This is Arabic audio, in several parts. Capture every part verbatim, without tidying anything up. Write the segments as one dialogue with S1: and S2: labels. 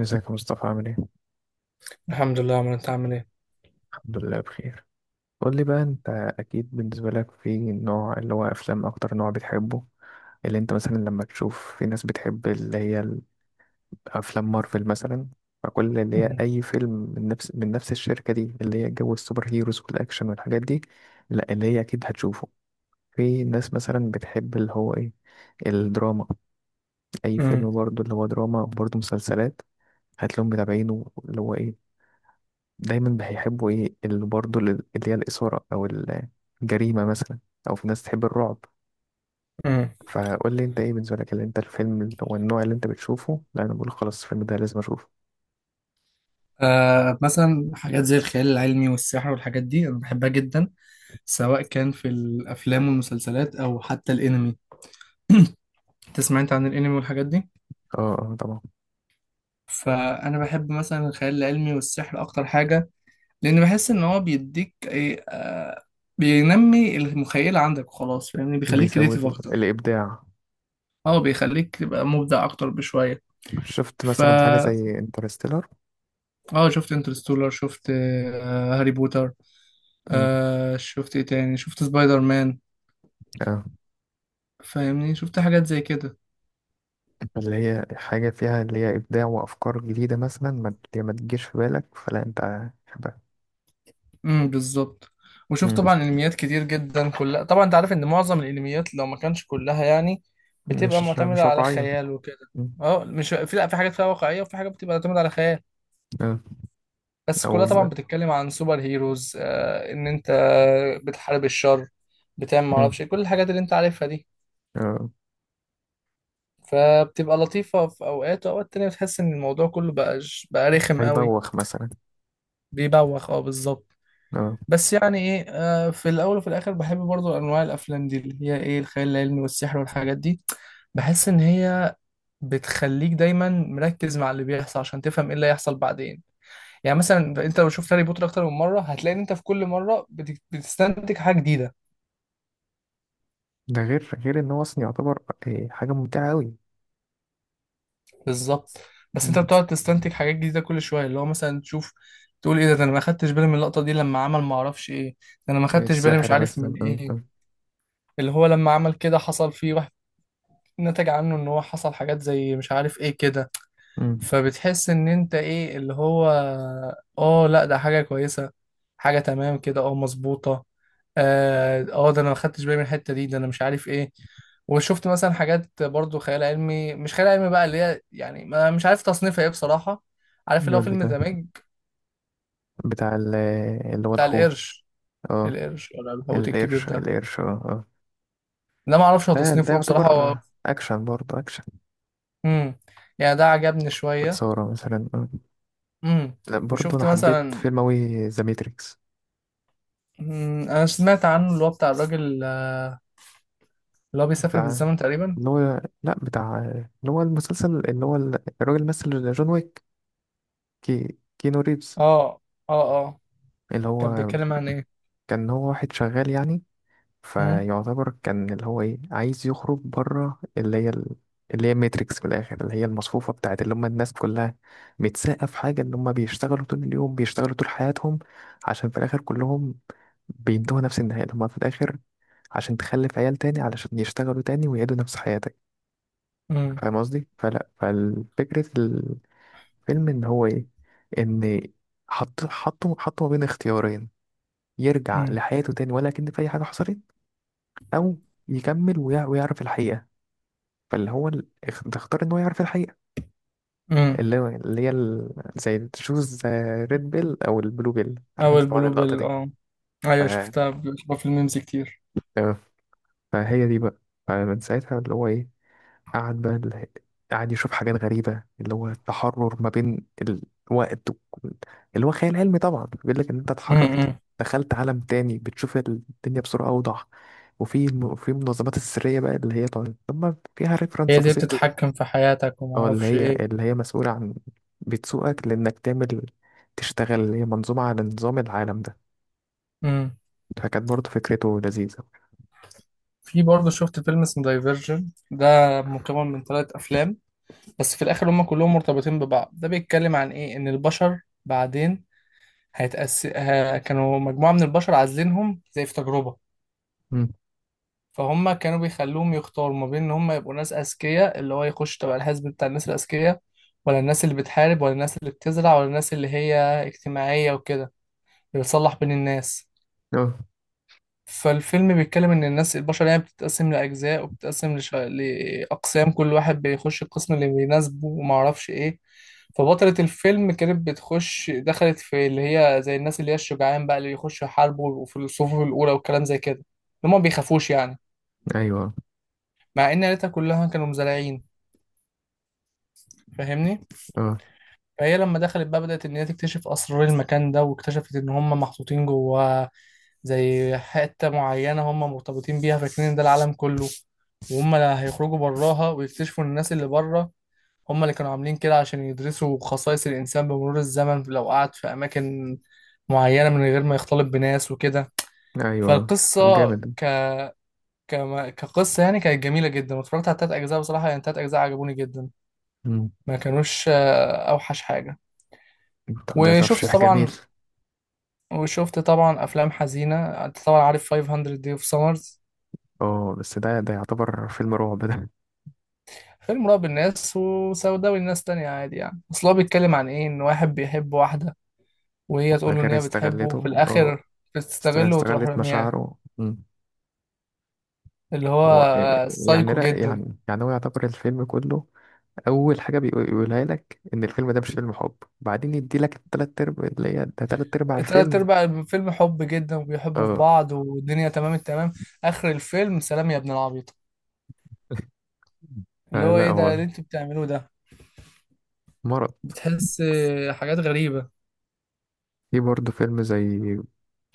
S1: ازيك يا مصطفى عامل ايه؟
S2: الحمد لله يا عمرو، انت عامل ايه؟
S1: الحمد لله بخير. قول لي بقى، انت اكيد بالنسبة لك في نوع اللي هو افلام اكتر نوع بتحبه. اللي انت مثلا لما تشوف، في ناس بتحب اللي هي افلام مارفل مثلا، فكل اللي هي
S2: مم.
S1: اي فيلم من نفس من نفس الشركة دي اللي هي جو السوبر هيروز والاكشن والحاجات دي. لا، اللي هي اكيد هتشوفه. في ناس مثلا بتحب اللي هو ايه، الدراما، اي
S2: مم.
S1: فيلم برضو اللي هو دراما، برضو مسلسلات، هتلاقيهم متابعينه اللي هو ايه، دايما هيحبوا ايه اللي برضه اللي اللي هي الإثارة أو الجريمة مثلا، أو في ناس تحب الرعب.
S2: مم.
S1: فقول لي انت ايه بالنسبة لك اللي انت الفيلم اللي هو النوع اللي انت بتشوفه، لا انا بقول خلاص الفيلم ده لازم اشوفه.
S2: آه، مثلا حاجات زي الخيال العلمي والسحر والحاجات دي أنا بحبها جدا سواء كان في الأفلام والمسلسلات أو حتى الأنمي. تسمع أنت عن الأنمي والحاجات دي؟
S1: اه، اه، طبعا.
S2: فأنا بحب مثلا الخيال العلمي والسحر أكتر حاجة. لأن بحس إن هو بيديك إيه آه بينمي المخيلة عندك وخلاص، فاهمني، بيخليك كريتيف
S1: بيزود ال-
S2: أكتر.
S1: الإبداع.
S2: أه، بيخليك تبقى مبدع أكتر بشوية.
S1: شفت مثلا حاجة
S2: فا
S1: زي انترستيلر.
S2: أه، شفت انترستولر، شفت آه هاري بوتر.
S1: مم.
S2: آه، شفت ايه تاني، شفت سبايدر مان.
S1: اه،
S2: فاهمني، شفت حاجات زي كده.
S1: اللي هي حاجة فيها اللي هي إبداع وأفكار جديدة، مثلا ما اللي ما تجيش في بالك، فلا انت حبها.
S2: امم بالظبط. وشفت
S1: مم.
S2: طبعا انميات كتير جدا، كلها طبعا انت عارف ان معظم الانميات لو ما كانش كلها يعني بتبقى
S1: مش مش
S2: معتمدة على
S1: واقعية.
S2: خيال وكده.
S1: مم.
S2: اه، مش في، لا، في حاجات فيها واقعية وفي حاجات بتبقى معتمدة على خيال.
S1: اه،
S2: بس
S1: أو
S2: كلها طبعا
S1: بالظبط.
S2: بتتكلم عن سوبر هيروز، آه ان انت بتحارب الشر، بتعمل
S1: م- مم.
S2: معرفش إيه، كل الحاجات اللي انت عارفها دي.
S1: اه.
S2: فبتبقى لطيفة في اوقات، واوقات تانية بتحس ان الموضوع كله بقى بقى رخم قوي.
S1: هيبوخ مثلا.
S2: بيبوخ، اه، بالظبط.
S1: اه،
S2: بس يعني ايه، آه، في الاول وفي الاخر بحب برضو انواع الافلام دي اللي هي ايه الخيال العلمي والسحر والحاجات دي. بحس ان هي بتخليك دايما مركز مع اللي بيحصل عشان تفهم ايه اللي هيحصل بعدين. يعني مثلا انت لو شفت هاري بوتر اكتر من مره هتلاقي ان انت في كل مره بت- بتستنتج حاجه جديده.
S1: ده غير غير ان هو اصلا يعتبر إيه، حاجه ممتعه قوي.
S2: بالظبط. بس انت بتقعد تستنتج حاجات جديده كل شويه، اللي هو مثلا تشوف، تقول ايه ده ده انا ما خدتش بالي من اللقطه دي لما عمل ما اعرفش ايه. ده انا ما خدتش بالي مش
S1: السحر
S2: عارف
S1: مثلا.
S2: من
S1: أم، أم،
S2: ايه. اللي هو لما عمل كده حصل فيه، نتج عنه ان هو حصل حاجات زي مش عارف ايه كده.
S1: أم.
S2: فبتحس ان انت ايه اللي هو، اه لا، ده حاجة كويسة، حاجة تمام كده، اه، مظبوطة. اه، آه، ده انا ما خدتش بالي من الحتة دي، ده انا مش عارف ايه. وشفت مثلا حاجات برضو خيال علمي مش خيال علمي بقى، اللي هي يعني ما مش عارف تصنيفها ايه بصراحة. عارف اللي هو
S1: نقول لي
S2: فيلم
S1: ده،
S2: ذا ميج،
S1: بتاع ال- اللي هو
S2: بتاع
S1: الحوت.
S2: القرش؟
S1: اه،
S2: القرش ولا الحوت الكبير
S1: القرش
S2: ده؟
S1: القرش، اه، اه.
S2: ده ما اعرفش هو
S1: ده ده
S2: تصنيفه ايه بصراحة هو.
S1: يعتبر اكشن، برضه اكشن.
S2: امم يعني ده عجبني شوية.
S1: واثاره مثلا آه.
S2: امم.
S1: لا، برضه انا
S2: وشفت
S1: حبيت
S2: مثلا.
S1: فيلم اوي ذا ماتريكس.
S2: مم، انا سمعت عنه اللي هو بتاع الراجل، آه، اللي هو بيسافر
S1: بتاع
S2: بالزمن تقريبا.
S1: اللي هو، لا، بتاع اللي هو المسلسل اللي هو ال- الراجل مثل جون ويك، كي كينو ريفز.
S2: اه، اه، اه.
S1: اللي
S2: كان
S1: هو
S2: بيتكلم عن ايه؟
S1: كان هو واحد شغال يعني،
S2: امم.
S1: فيعتبر كان اللي هو ايه عايز يخرج بره اللي هي ال- اللي هي ماتريكس في الاخر، اللي هي المصفوفه بتاعت اللي هم الناس كلها، متساقه في حاجه ان هم بيشتغلوا طول اليوم، بيشتغلوا طول حياتهم عشان في الاخر كلهم بينتهوا نفس النهايه، اللي هم في الاخر عشان تخلف عيال تاني علشان يشتغلوا تاني ويعيدوا نفس حياتك.
S2: امم.
S1: فاهم قصدي؟ فلا، فالفكرة الفيلم ان هو ايه، ان حط حطه حطه ما بين اختيارين، يرجع
S2: امم.
S1: لحياته تاني ولا كأن في اي حاجة حصلت، او يكمل ويع- ويعرف الحقيقه، فاللي هو ال- اخ- تختار ان هو يعرف الحقيقه.
S2: امم.
S1: اللي هو اللي هي ال... زي تشوز ريد بيل او البلو بيل، عارف انت
S2: اول
S1: طبعا
S2: بلو
S1: اللقطه
S2: بيل،
S1: دي.
S2: اه.
S1: ف...
S2: ايوه، شفتها، بشوفها في الميمز كتير.
S1: آه، فهي دي بقى. فمن ساعتها اللي هو ايه، قعد بقى ال- قعد يشوف حاجات غريبه اللي هو التحرر ما بين الوقت وال- اللي هو خيال علمي طبعا، بيقول لك ان انت اتحررت،
S2: امم.
S1: دخلت عالم تاني، بتشوف الدنيا بصوره اوضح. وفي وفي منظمات السريه بقى اللي هي طبعا، طب ما فيها
S2: هي
S1: ريفرنس
S2: دي
S1: بسيط.
S2: بتتحكم في حياتك وما
S1: اه، اللي
S2: اعرفش
S1: هي
S2: ايه.
S1: اللي هي مسؤولة عن بتسوقك لأنك تعمل، تشتغل اللي هي منظومة على نظام العالم ده.
S2: امم.
S1: فكانت برضه فكرته لذيذة.
S2: في برضه شفت فيلم اسمه دايفرجن ده، مكون من ثلاث افلام. بس في الاخر هم كلهم مرتبطين ببعض. ده بيتكلم عن ايه، ان البشر بعدين هيتأس... ه... كانوا مجموعة من البشر عازلينهم زي في تجربة.
S1: مم.
S2: فهم كانوا بيخلوهم يختاروا ما بين ان هم يبقوا ناس اذكياء اللي هو يخش تبع الحزب بتاع الناس الاذكياء، ولا الناس اللي بتحارب، ولا الناس اللي بتزرع، ولا الناس اللي هي اجتماعية وكده، اللي بتصلح بين الناس.
S1: اه،
S2: فالفيلم بيتكلم ان الناس البشر يعني بتتقسم لاجزاء، وبتتقسم لش... لاقسام، كل واحد بيخش القسم اللي بيناسبه وما اعرفش ايه. فبطلة الفيلم كانت بتخش، دخلت في اللي هي زي الناس اللي هي الشجعان بقى، اللي بيخشوا يحاربوا وفي الصفوف الاولى والكلام زي كده، اللي هم ما بيخافوش يعني.
S1: ايوه،
S2: مع ان عيلتها كلها كانوا مزارعين، فاهمني.
S1: اه،
S2: فهي لما دخلت بقى بدأت ان هي تكتشف اسرار المكان ده، واكتشفت ان هم محطوطين جواه زي حتة معينة، هم مرتبطين بيها فاكرين إن ده العالم كله. وهم لا، هيخرجوا براها ويكتشفوا إن الناس اللي بره هم اللي كانوا عاملين كده عشان يدرسوا خصائص الإنسان بمرور الزمن لو قعد في أماكن معينة من غير ما يختلط بناس وكده.
S1: ايوه. طب
S2: فالقصة
S1: جامد.
S2: ك... كما- كقصة يعني كانت جميلة جدا، واتفرجت على تلات أجزاء بصراحة، يعني تلات أجزاء عجبوني جدا.
S1: مم.
S2: ما كانوش، آه، اوحش حاجه.
S1: طب ده
S2: وشفت
S1: ترشيح جميل.
S2: طبعا وشفت طبعا افلام حزينه. انت طبعا عارف خمسمية Day of Summers.
S1: اه، بس ده ده يعتبر فيلم رعب ده.
S2: فيلم رعب الناس، وسوداوي الناس تانية عادي، يعني اصل هو بيتكلم عن ايه، ان واحد بيحب واحده، وهي
S1: ده
S2: تقول له ان
S1: غير
S2: هي بتحبه، وفي
S1: استغلته. اه.
S2: الاخر
S1: است-
S2: بتستغله وتروح
S1: استغلت
S2: رميها.
S1: مشاعره. مم.
S2: اللي هو
S1: هو إيه-
S2: آه،
S1: يعني،
S2: سايكو
S1: لا،
S2: جدا.
S1: يعني يعني هو يعتبر الفيلم كله، اول حاجه بيقو- بيقولها لك ان الفيلم ده مش فيلم حب، بعدين يدي لك التلات ارباع اللي هي ده تلات ارباع
S2: تلات
S1: الفيلم.
S2: ارباع الفيلم حب جدا، وبيحبوا في
S1: اه.
S2: بعض، والدنيا تمام التمام. اخر الفيلم، سلام يا ابن العبيط! اللي
S1: آه،
S2: هو
S1: لا
S2: ايه ده
S1: هو
S2: اللي انتوا بتعملوه ده؟
S1: مرض.
S2: بتحس آه، حاجات غريبه.
S1: في برضه فيلم زي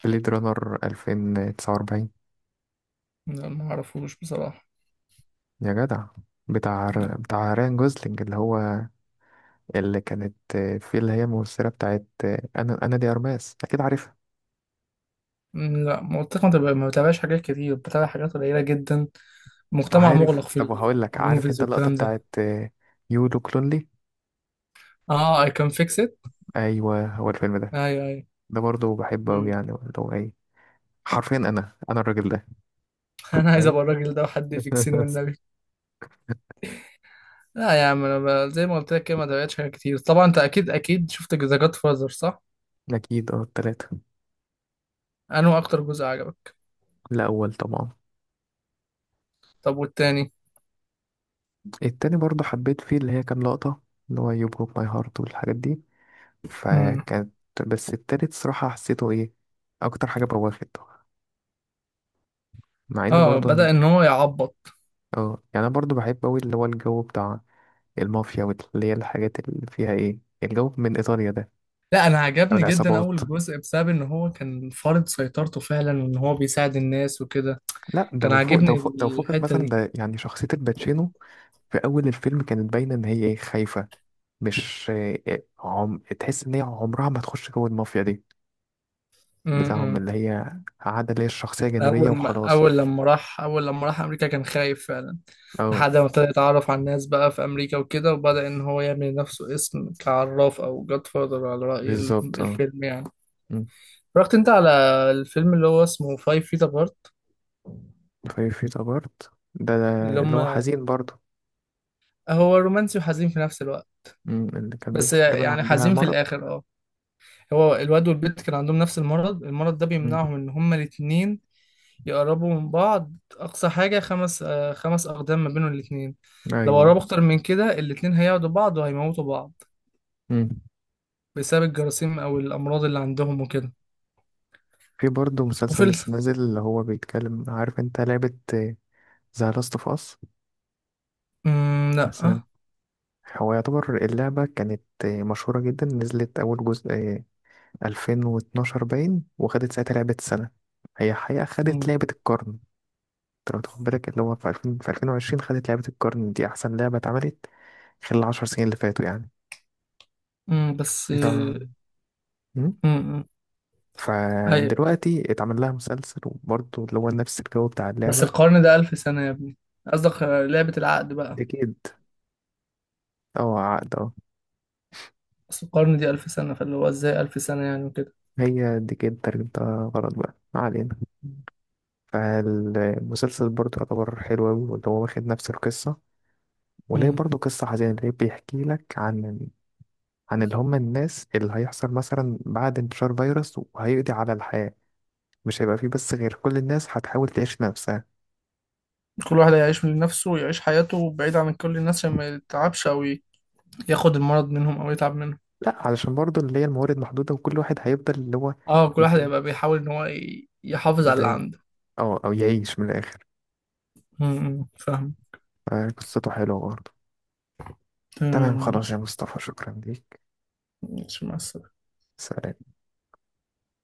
S1: بليد رانر ألفين وتسعة وأربعين،
S2: لا، ما اعرفوش بصراحة.
S1: يا جدع، بتاع
S2: م-
S1: بتاع ريان جوزلينج، اللي هو اللي كانت في اللي هي الممثلة بتاعت، أنا أنا دي أرماس، أكيد عارفها.
S2: لا، مؤخرا ما ما بتابعش حاجات كتير، بتابع حاجات قليلة جدا. مجتمع
S1: عارف؟
S2: مغلق في
S1: طب هقول لك، عارف
S2: النوفلز
S1: أنت اللقطة
S2: والكلام ده.
S1: بتاعت يو لوك لونلي.
S2: اه، اي كان فيكس ات.
S1: أيوه، هو الفيلم ده.
S2: ايوه، ايوه.
S1: ده برضه بحبه أوي،
S2: مم.
S1: يعني اللي هو إيه، حرفيا انا انا الراجل ده.
S2: انا عايز
S1: فاهم؟
S2: ابقى الراجل ده وحد يفكسني والنبي. لا يا عم، انا ب- زي ما قلت لك كده ما تابعتش حاجات كتير. طبعا انت اكيد اكيد شفت ذا جاد فازر، صح؟
S1: اكيد، اه، التلاتة.
S2: انا اكتر جزء عجبك؟
S1: الاول طبعا.
S2: طب والتاني؟
S1: التاني برضه حبيت فيه اللي هي كام لقطة اللي هو يو بروك ماي هارت والحاجات دي،
S2: امم.
S1: فكانت. بس التالت صراحة حسيته ايه اكتر حاجة بواخده، مع ان
S2: اه،
S1: برضه انا،
S2: بدأ ان هو يعبط.
S1: اه، يعني انا برضه بحب اوي اللي هو الجو بتاع المافيا واللي هي الحاجات اللي فيها ايه الجو من ايطاليا ده،
S2: لا، انا
S1: او
S2: عجبني جدا
S1: العصابات.
S2: اول جزء بسبب ان هو كان فارض سيطرته فعلا، وان هو بيساعد الناس وكده.
S1: لا، ده
S2: كان
S1: وفوق ده
S2: عاجبني
S1: وفوق ده وفوقك
S2: الحتة
S1: مثلا
S2: دي.
S1: ده، يعني شخصية الباتشينو في اول الفيلم كانت باينة ان هي ايه خايفة، مش إيه، عم... تحس ان هي عمرها ما تخش جو المافيا دي بتاعهم
S2: امم.
S1: اللي هي عادة اللي هي الشخصية جانبية
S2: اول ما
S1: وخلاص.
S2: اول لما راح اول لما راح امريكا كان خايف فعلا.
S1: اه،
S2: لحد ما ابتدى يتعرف على الناس بقى في امريكا وكده، وبدأ ان هو يعمل لنفسه اسم كعراف او جاد فاذر على رأي ال-
S1: بالظبط. اه.
S2: الفيلم يعني.
S1: أمم.
S2: رحت انت على الفيلم اللي هو اسمه فايف فيت ابارت.
S1: في في تجارت ده, ده
S2: اللي
S1: اللي
S2: هم
S1: هو حزين برضه.
S2: هو رومانسي وحزين في نفس الوقت.
S1: أمم، اللي كان
S2: بس
S1: بنت تقريبا
S2: يعني
S1: عندها
S2: حزين في
S1: مرض.
S2: الاخر، اه. هو الواد والبنت كان عندهم نفس المرض، المرض ده
S1: أمم.
S2: بيمنعهم ان هما الاتنين يقربوا من بعض. أقصى حاجة خمس آه خمس أقدام ما بينهم الاتنين. لو
S1: ايوه.
S2: قربوا أكتر من كده، الاتنين هيعدوا بعض وهيموتوا بعض
S1: أمم.
S2: بسبب الجراثيم أو الأمراض اللي عندهم وكده.
S1: في برضه
S2: وفي
S1: مسلسل
S2: ال...
S1: لسه نازل اللي هو بيتكلم، عارف انت لعبة ذا لاست اوف اس
S2: مم. لأ.
S1: مثلا؟ هو يعتبر اللعبة كانت آه، مشهورة جدا، نزلت أول جزء ألفين واتناشر باين، وخدت ساعتها لعبة السنة. هي حقيقة خدت
S2: مم.
S1: لعبة القرن. انت لو تاخد بالك اللي هو في ألفين، في ألفين وعشرين خدت لعبة القرن دي، أحسن لعبة اتعملت خلال العشر سنين اللي فاتوا يعني.
S2: مم، بس،
S1: ده.
S2: مم.
S1: مم.
S2: مم. أيوة.
S1: فدلوقتي اتعمل لها مسلسل وبرضه اللي هو نفس الجو بتاع
S2: بس
S1: اللعبة.
S2: القرن ده ألف سنة يا ابني. قصدك آه، لعبة العقد بقى.
S1: ديكيد، اه، عقد، اه.
S2: أصل القرن دي ألف سنة، فاللي هو إزاي ألف سنة يعني وكده.
S1: هي ديكيد ترجمتها غلط بقى، ما علينا. فالمسلسل برضه يعتبر حلو أوي، واللي هو واخد نفس القصة، وليه
S2: مم.
S1: برضه قصة حزينة، ليه؟ بيحكي لك عن، عن اللي هم الناس اللي هيحصل مثلا بعد انتشار فيروس وهيقضي على الحياة، مش هيبقى فيه بس غير كل الناس هتحاول تعيش نفسها.
S2: كل واحد هيعيش لنفسه ويعيش حياته بعيد عن كل الناس عشان ما يتعبش أو ي- ياخد المرض منهم أو يتعب منهم.
S1: لا، علشان برضه اللي هي الموارد محدودة وكل واحد هيفضل اللي هو
S2: اه، كل واحد
S1: يت-
S2: هيبقى بيحاول ان هو ي- يحافظ على اللي
S1: داي،
S2: عنده.
S1: أو أو يعيش من الآخر.
S2: م- م. فاهم.
S1: آه، قصته حلوة برضه. تمام
S2: تمام،
S1: خلاص يا
S2: ماشي.
S1: مصطفى، شكرا ليك.
S2: ماشي، مع السلامة.
S1: سلام.